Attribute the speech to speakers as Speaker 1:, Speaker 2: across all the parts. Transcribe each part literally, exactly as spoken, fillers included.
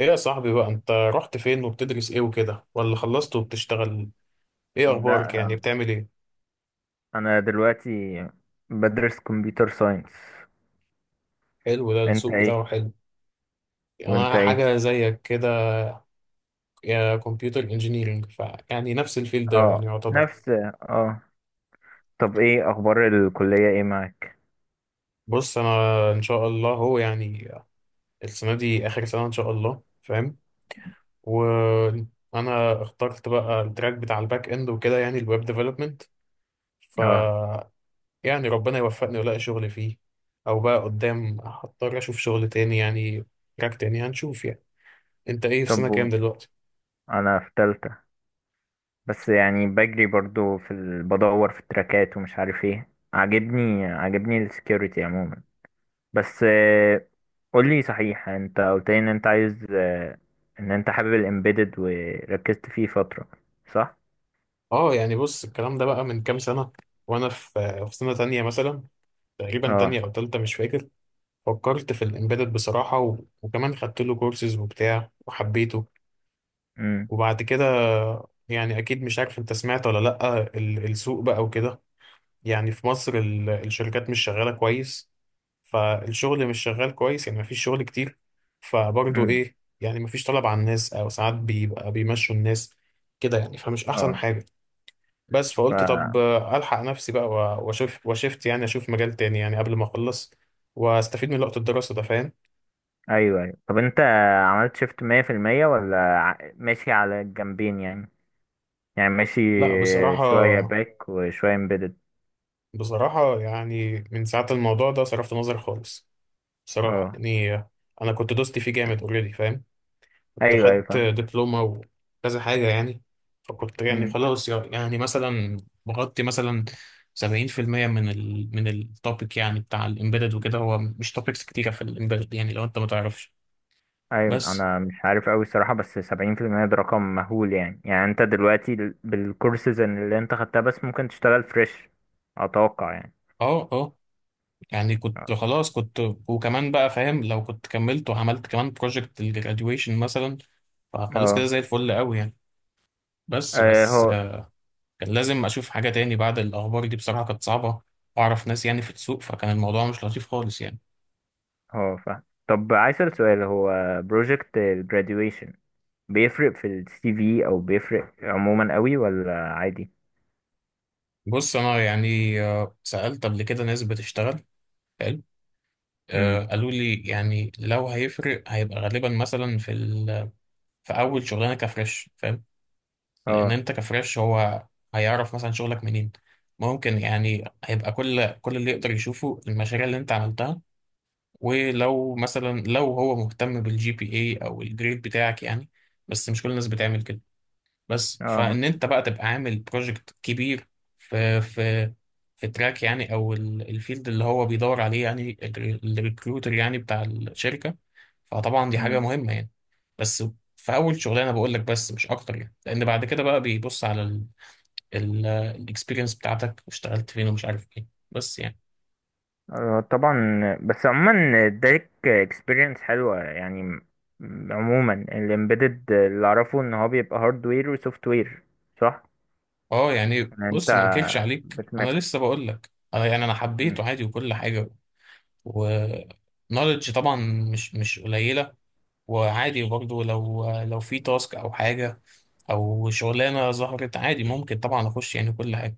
Speaker 1: ايه يا صاحبي بقى انت رحت فين وبتدرس ايه وكده، ولا خلصت وبتشتغل؟ ايه اخبارك؟
Speaker 2: لا،
Speaker 1: يعني بتعمل ايه؟
Speaker 2: انا دلوقتي بدرس كمبيوتر ساينس.
Speaker 1: حلو، ده
Speaker 2: انت
Speaker 1: السوق بتاعه
Speaker 2: ايه؟
Speaker 1: حلو.
Speaker 2: وانت
Speaker 1: انا
Speaker 2: ايه؟
Speaker 1: حاجه زيك كده، يا كمبيوتر انجينيرنج. ف يعني نفس الفيلد يعني
Speaker 2: اه
Speaker 1: يعتبر.
Speaker 2: نفس اه طب ايه اخبار الكلية، ايه معاك؟
Speaker 1: بص انا ان شاء الله هو يعني السنه دي اخر سنه ان شاء الله، فاهم؟ وانا اخترت بقى التراك بتاع الباك اند وكده، يعني الويب ديفلوبمنت.
Speaker 2: اه.
Speaker 1: يعني ربنا يوفقني والاقي شغل فيه، او بقى قدام هضطر اشوف شغل تاني يعني، تراك تاني هنشوف يعني. انت ايه، في سنة
Speaker 2: طب
Speaker 1: كام
Speaker 2: و-
Speaker 1: دلوقتي؟
Speaker 2: انا في تالتة، بس يعني بجري برضو في ال... بدور في التراكات ومش عارف ايه. عاجبني عاجبني السكيورتي عموما. بس آه، قولي صحيح، انت قلت لي ان انت عايز، آه، ان انت حابب الامبيدد وركزت فيه فترة، صح؟
Speaker 1: اه يعني بص، الكلام ده بقى من كام سنة، وانا في في سنة تانية مثلا، تقريبا
Speaker 2: اه.
Speaker 1: تانية او تالتة مش فاكر. فكرت في الامبيدد بصراحة و... وكمان خدت له كورسز وبتاع وحبيته.
Speaker 2: امم
Speaker 1: وبعد كده يعني اكيد مش عارف انت سمعت ولا لأ، ال- السوق بقى وكده، يعني في مصر ال- الشركات مش شغالة كويس، فالشغل مش شغال كويس، يعني مفيش شغل كتير. فبرضه
Speaker 2: امم
Speaker 1: ايه، يعني مفيش طلب على الناس، او ساعات بيبقى بيمشوا الناس كده يعني، فمش احسن
Speaker 2: اه.
Speaker 1: حاجة. بس
Speaker 2: ف...
Speaker 1: فقلت طب آه، الحق نفسي بقى و- واشوف، وشفت يعني اشوف مجال تاني يعني قبل ما اخلص، واستفيد من وقت الدراسة ده، فاهم؟
Speaker 2: ايوه ايوه طب انت عملت شيفت مية في المية؟ ولا ع- ماشي على الجنبين؟ يعني يعني ماشي
Speaker 1: لا بصراحة،
Speaker 2: شوية باك وشوية امبيدد.
Speaker 1: بصراحة يعني من ساعة الموضوع ده صرفت نظر خالص. بصراحة
Speaker 2: اه.
Speaker 1: يعني آه، انا كنت دوستي فيه جامد اوريدي، فاهم؟ كنت
Speaker 2: ايوه ايوه
Speaker 1: خدت
Speaker 2: فاهم.
Speaker 1: دبلومة وكذا حاجة يعني. فكنت يعني
Speaker 2: أمم.
Speaker 1: خلاص يعني مثلا بغطي مثلا سبعين في المية من ال من التوبيك، يعني بتاع الإمبيدد وكده، هو مش توبيكس كتيرة في الإمبيدد يعني، لو أنت ما تعرفش.
Speaker 2: ايوه،
Speaker 1: بس
Speaker 2: انا مش عارف اوي الصراحة، بس سبعين في المية ده رقم مهول يعني. يعني انت دلوقتي ال- بالكورسز اللي انت خدتها بس ممكن تشتغل فريش، اتوقع يعني.
Speaker 1: اه اه، يعني
Speaker 2: اه
Speaker 1: كنت خلاص كنت. وكمان بقى، فاهم؟ لو كنت كملت وعملت كمان بروجكت الجراديويشن مثلا، فخلاص كده
Speaker 2: اه
Speaker 1: زي الفل قوي يعني. بس
Speaker 2: آه،
Speaker 1: بس
Speaker 2: هو
Speaker 1: آه، كان لازم أشوف حاجة تاني. بعد الأخبار دي بصراحة كانت صعبة، وأعرف ناس يعني في السوق، فكان الموضوع مش لطيف خالص يعني.
Speaker 2: هو فاهم. طب عايز اسأل سؤال: هو بروجكت الجراديويشن بيفرق في السي في، او بيفرق عموما قوي ولا عادي؟
Speaker 1: بص انا يعني آه، سألت قبل كده ناس بتشتغل. حلو، آه،
Speaker 2: امم.
Speaker 1: قالوا لي يعني لو هيفرق هيبقى غالبا مثلا في ال... في اول شغلانه كفريش، فاهم؟ لان
Speaker 2: اه.
Speaker 1: انت كفريش هو هيعرف مثلا شغلك منين؟ ممكن يعني هيبقى كل كل اللي يقدر يشوفه المشاريع اللي انت عملتها، ولو مثلا لو هو مهتم بالجي بي اي او الجريد بتاعك يعني، بس مش كل الناس بتعمل كده. بس
Speaker 2: اه ما-
Speaker 1: فان انت بقى تبقى عامل بروجكت كبير في في في تراك يعني، او ال- الفيلد اللي هو بيدور عليه يعني، الر- الريكروتر يعني بتاع الشركه، فطبعا دي حاجه
Speaker 2: مم.
Speaker 1: مهمه يعني. بس في اول شغلانه بقول لك، بس مش اكتر يعني، لان بعد كده بقى بيبص على الاكسبيرينس بتاعتك، واشتغلت فين ومش عارف ايه، بس يعني.
Speaker 2: آه، طبعا. بس عموما اداك اكسبيرينس حلوه يعني. م- عموما الامبيدد اللي اعرفه ان هو بيبقى هاردوير وسوفت وير، صح؟
Speaker 1: اه يعني
Speaker 2: يعني انت
Speaker 1: بص، ما انكرش عليك، انا
Speaker 2: بتمكس.
Speaker 1: لسه بقول لك انا يعني انا حبيته
Speaker 2: مم.
Speaker 1: عادي وكل حاجه. و knowledge طبعا مش مش قليله، وعادي برضو، لو لو في تاسك او حاجه او شغلانه ظهرت عادي، ممكن طبعا اخش يعني كل حاجه.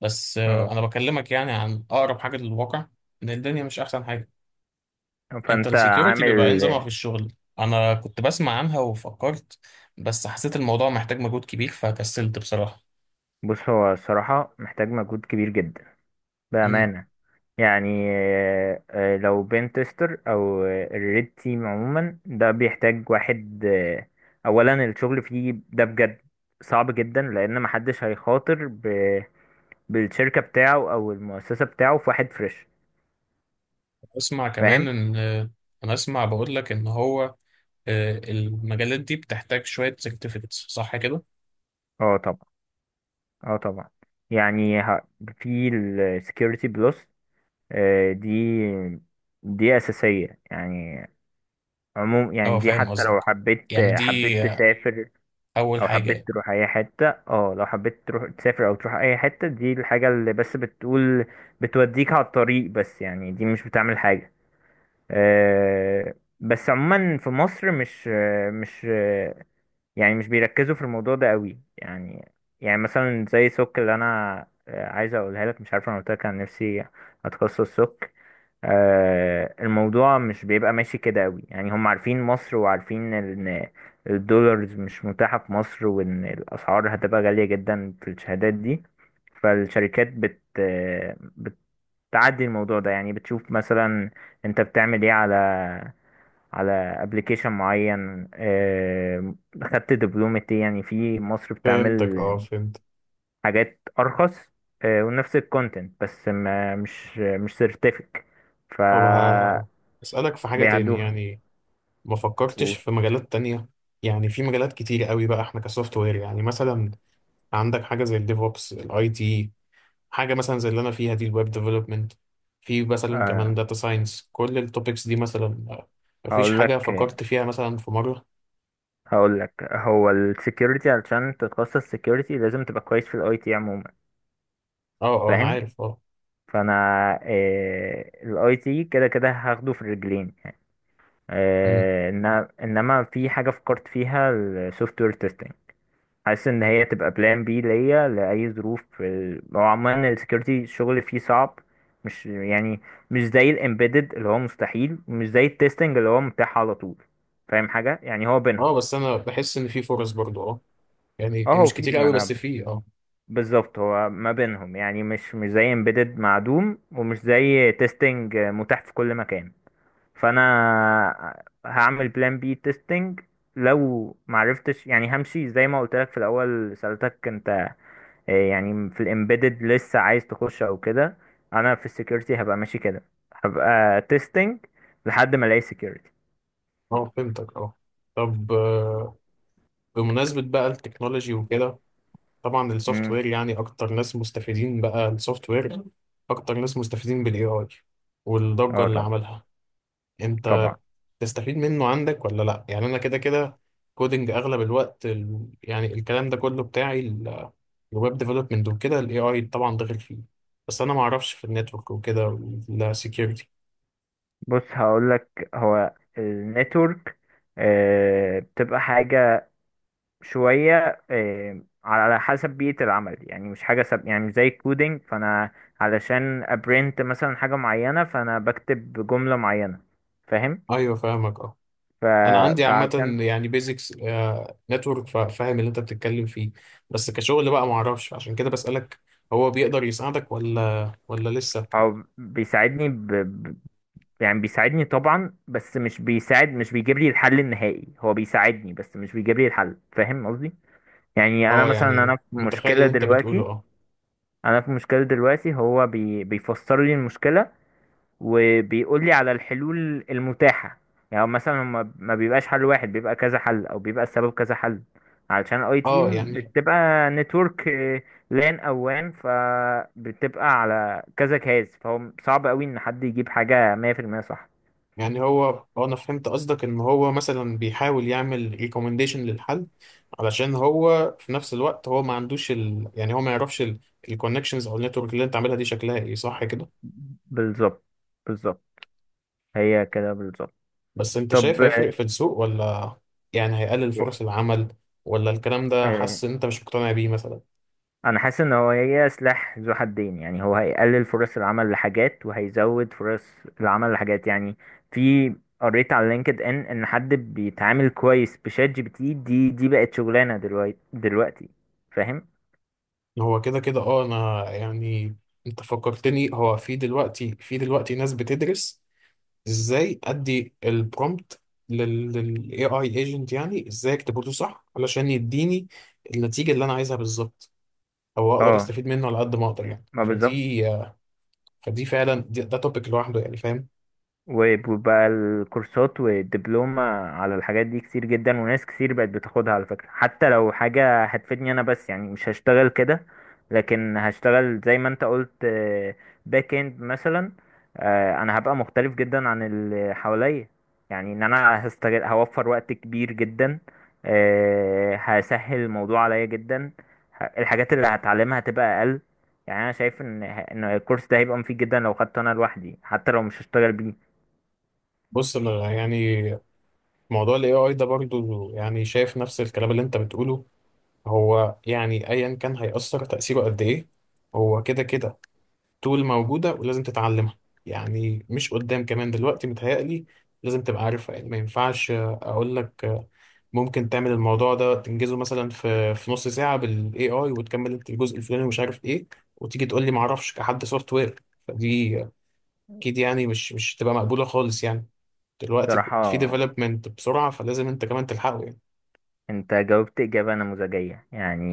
Speaker 1: بس آه،
Speaker 2: اه،
Speaker 1: انا بكلمك يعني عن اقرب حاجه للواقع، ان الدنيا مش احسن حاجه. انت
Speaker 2: فانت
Speaker 1: السكيورتي بيبقى إيه نظامها
Speaker 2: عامل.
Speaker 1: في الشغل؟ انا كنت بسمع عنها وفكرت، بس حسيت الموضوع محتاج مجهود كبير فكسلت بصراحه.
Speaker 2: بص، هو الصراحه محتاج مجهود كبير جدا،
Speaker 1: مم.
Speaker 2: بامانه. يعني آه، آه، لو بين تيستر او الريد تيم، عموما ده بيحتاج واحد، آه، اولا الشغل فيه ده بجد صعب جدا، لان محدش هيخاطر ب- بالشركة بتاعه او المؤسسة بتاعه في واحد فريش.
Speaker 1: اسمع كمان
Speaker 2: فاهم.
Speaker 1: ان آه، انا اسمع بقول لك ان هو آه، المجالات دي بتحتاج شويه سيرتيفيكتس، صح كده؟
Speaker 2: اه طبعا. اه طبعا. يعني ه- في السكيورتي بلس، دي دي اساسية يعني. عموم
Speaker 1: اه
Speaker 2: يعني دي
Speaker 1: فاهم
Speaker 2: حتى لو
Speaker 1: قصدك،
Speaker 2: حبيت،
Speaker 1: يعني دي
Speaker 2: حبيت
Speaker 1: آه،
Speaker 2: تسافر
Speaker 1: اول
Speaker 2: او حبيت
Speaker 1: حاجه.
Speaker 2: تروح اي حتة. اه، لو حبيت تروح تسافر او تروح اي حتة، دي الحاجة اللي بس بتقول بتوديك على الطريق، بس يعني دي مش بتعمل حاجة. أه. بس عموما في مصر مش، آه، مش آه، يعني مش بيركزوا في الموضوع ده قوي يعني. يعني مثلا زي سوك اللي انا، آه، عايز اقولها لك، مش عارف انا قلت لك عن نفسي، اتخصص سوك، آه، الموضوع مش بيبقى ماشي كده قوي يعني. هم عارفين مصر وعارفين ان الدولارز مش متاحة في مصر، وان الاسعار هتبقى غالية جدا في الشهادات دي. فالشركات بت آه، بتعدي الموضوع ده يعني. بتشوف مثلا انت بتعمل ايه على على ابلكيشن معين، آه، خدت دبلومة ايه. يعني في مصر
Speaker 1: فهمتك،
Speaker 2: بتعمل
Speaker 1: اه فهمت.
Speaker 2: حاجات ارخص، آه، ونفس الكونتنت، بس ما مش مش سيرتيفيك،
Speaker 1: طب ه... اسألك في حاجة تاني
Speaker 2: بيعدوها.
Speaker 1: يعني، ما فكرتش
Speaker 2: و-
Speaker 1: في مجالات تانية؟ يعني في مجالات كتير قوي بقى، احنا كسوفت وير يعني مثلا، عندك حاجة زي الديفوبس، الاي تي، حاجة مثلا زي اللي انا فيها دي الويب ديفلوبمنت، في مثلا
Speaker 2: آه،
Speaker 1: كمان داتا ساينس، كل التوبكس دي مثلا آه، مفيش
Speaker 2: هقول
Speaker 1: حاجة
Speaker 2: لك
Speaker 1: فكرت فيها مثلا في مرة؟
Speaker 2: هقول لك هو السكيورتي علشان تتخصص سكيورتي لازم تبقى كويس في الاي تي عموما.
Speaker 1: اه اه، انا
Speaker 2: فاهم.
Speaker 1: عارف اه.
Speaker 2: فانا الاي تي كده كده هاخده في الرجلين.
Speaker 1: مم.
Speaker 2: آه، إن- انما في حاجه فكرت فيها: السوفت وير تيستنج. حاسس ان هي تبقى بلان بي ليا لاي ظروف في ال- هو عموما السكيورتي الشغل فيه صعب، مش يعني مش زي الامبيدد اللي هو مستحيل، ومش زي التيستنج اللي هو متاح على طول. فاهم حاجة؟ يعني هو بينهم.
Speaker 1: اه بس انا بحس ان في فرص برضو اه، يعني
Speaker 2: اه هو
Speaker 1: مش
Speaker 2: في،
Speaker 1: كتير
Speaker 2: ما
Speaker 1: قوي بس
Speaker 2: انا
Speaker 1: في اه.
Speaker 2: بالظبط، هو ما بينهم يعني. مش مش زي امبيدد معدوم ومش زي تيستنج متاح في كل مكان. فانا هعمل بلان بي تيستنج لو معرفتش يعني. همشي زي ما قلت لك في الاول سألتك انت، آه، يعني في الامبيدد لسه عايز تخش او كده. انا في السكيورتي هبقى ماشي كده، هبقى تيستنج لحد ما الاقي سكيورتي.
Speaker 1: اه فهمتك اه. طب آه، بمناسبة بقى التكنولوجي وكده، طبعا السوفت وير
Speaker 2: امم.
Speaker 1: يعني أكتر ناس مستفيدين بقى السوفت وير، أكتر ناس مستفيدين بال إيه آي والضجة
Speaker 2: اه
Speaker 1: اللي
Speaker 2: طبعا.
Speaker 1: عملها. أنت
Speaker 2: طبعا.
Speaker 1: تستفيد منه عندك ولا لأ؟ يعني أنا كده كده كودينج أغلب الوقت، ال... يعني الكلام ده كله بتاعي ال- الويب ديفلوبمنت وكده، ال إيه آي طبعا داخل فيه. بس أنا معرفش في النتورك وكده والسكيورتي.
Speaker 2: بص هقول لك، هو النتورك آه، بتبقى حاجة شوية، آه، على حسب بيئة العمل يعني. مش حاجة سب، يعني مش زي الكودينج، فأنا علشان أبرنت مثلا حاجة معينة فأنا بكتب جملة معينة. فاهم.
Speaker 1: أيوه فاهمك.
Speaker 2: ف...
Speaker 1: انا عندي عامه
Speaker 2: فعلشان،
Speaker 1: يعني بيزكس نتورك، فاهم اللي انت بتتكلم فيه، بس كشغل بقى ما اعرفش، عشان كده بسالك هو بيقدر يساعدك ولا ولا لسه؟
Speaker 2: أو بيساعدني ب... ب- يعني بيساعدني طبعا، بس مش بيساعد، مش بيجيب لي الحل النهائي. هو بيساعدني بس مش بيجيب لي الحل. فاهم قصدي؟ يعني أنا
Speaker 1: اه
Speaker 2: مثلا،
Speaker 1: يعني
Speaker 2: أنا في
Speaker 1: متخيل
Speaker 2: مشكلة
Speaker 1: اللي انت بتقوله
Speaker 2: دلوقتي
Speaker 1: اه.
Speaker 2: انا في مشكله دلوقتي، هو بي بيفسر لي المشكله، وبيقول لي على الحلول المتاحه. يعني مثلا هما ما بيبقاش حل واحد، بيبقى كذا حل، او بيبقى السبب كذا حل. علشان اي
Speaker 1: اه
Speaker 2: تيم
Speaker 1: يعني
Speaker 2: بتبقى نتورك، لان او وان، فبتبقى على كذا جهاز، فهو صعب قوي ان حد يجيب حاجه مية في المية صح.
Speaker 1: يعني هو آه، انا فهمت قصدك، ان هو مثلا بيحاول يعمل ريكومنديشن للحل، علشان هو في نفس الوقت هو ما عندوش ال... يعني هو ما يعرفش الكونكشنز او النتورك اللي انت عاملها دي شكلها ايه، صح كده؟
Speaker 2: بالظبط بالظبط هي كده بالظبط.
Speaker 1: بس انت
Speaker 2: طب.
Speaker 1: شايف هيفرق في السوق، ولا يعني هيقلل فرص
Speaker 2: آه،
Speaker 1: العمل، ولا الكلام ده
Speaker 2: آه،
Speaker 1: حاسس ان انت مش مقتنع بيه مثلا؟
Speaker 2: انا حاسس ان هو، هي سلاح ذو حدين يعني. هو هيقلل فرص العمل لحاجات، وهيزود فرص العمل لحاجات يعني. في، قريت على لينكد ان ان حد بيتعامل كويس بشات جي بي تي دي، دي بقت شغلانه دلوقتي دلوقتي فاهم.
Speaker 1: هو كده كده اه، انا يعني انت فكرتني، هو في دلوقتي، في دلوقتي ناس بتدرس ازاي ادي البرومبت لل إيه آي agent، يعني ازاي اكتبه له صح علشان يديني النتيجة اللي انا عايزها بالظبط، او اقدر
Speaker 2: اه
Speaker 1: استفيد منه على قد ما اقدر يعني.
Speaker 2: ما بالظبط.
Speaker 1: فدي فدي فعلا دي- ده توبيك لوحده يعني، فاهم؟
Speaker 2: وبقى الكورسات والدبلومة على الحاجات دي كتير جدا، وناس كتير بقت بتاخدها. على فكرة حتى لو حاجة هتفيدني أنا، بس يعني مش هشتغل كده، لكن هشتغل زي ما أنت قلت، باك إند مثلا، آه، أنا هبقى مختلف جدا عن اللي حواليا. يعني إن أنا هستغل هوفر وقت كبير جدا، آه، هسهل الموضوع عليا جدا. ه- الحاجات اللي هتعلمها هتبقى أقل. يعني أنا شايف إن إن الكورس ده هيبقى مفيد جدا لو خدته أنا لوحدي، حتى لو مش هشتغل بيه.
Speaker 1: بص انا يعني موضوع ال إيه آي ده برضو يعني شايف نفس الكلام اللي انت بتقوله. هو يعني ايا كان هيأثر تأثيره قد ايه، هو كده كده طول موجودة ولازم تتعلمها، يعني مش قدام، كمان دلوقتي متهيألي لازم تبقى عارفها. يعني ما ينفعش اقول لك ممكن تعمل الموضوع ده تنجزه مثلا في في نص ساعة بال إيه آي، وتكمل انت الجزء الفلاني ومش عارف ايه، وتيجي تقول لي ما اعرفش كحد سوفت وير، فدي اكيد يعني مش مش تبقى مقبولة خالص يعني. دلوقتي في
Speaker 2: بصراحة
Speaker 1: ديفلوبمنت بسرعة، فلازم انت كمان تلحقه يعني.
Speaker 2: انت جاوبت اجابة نموذجية يعني.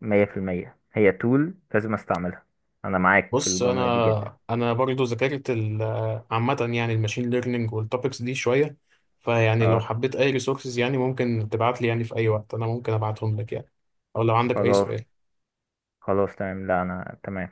Speaker 2: مية في المية هي تول لازم استعملها. انا معاك في
Speaker 1: بص
Speaker 2: الجملة دي جدا.
Speaker 1: انا انا برضو ذاكرت ال- عامه يعني الماشين ليرنينج والتوبكس دي شويه. فيعني لو
Speaker 2: اه.
Speaker 1: حبيت اي ريسورسز يعني ممكن تبعت لي يعني، في اي وقت انا ممكن ابعتهم لك يعني، او لو عندك اي
Speaker 2: خلاص
Speaker 1: سؤال.
Speaker 2: خلاص تمام. لا انا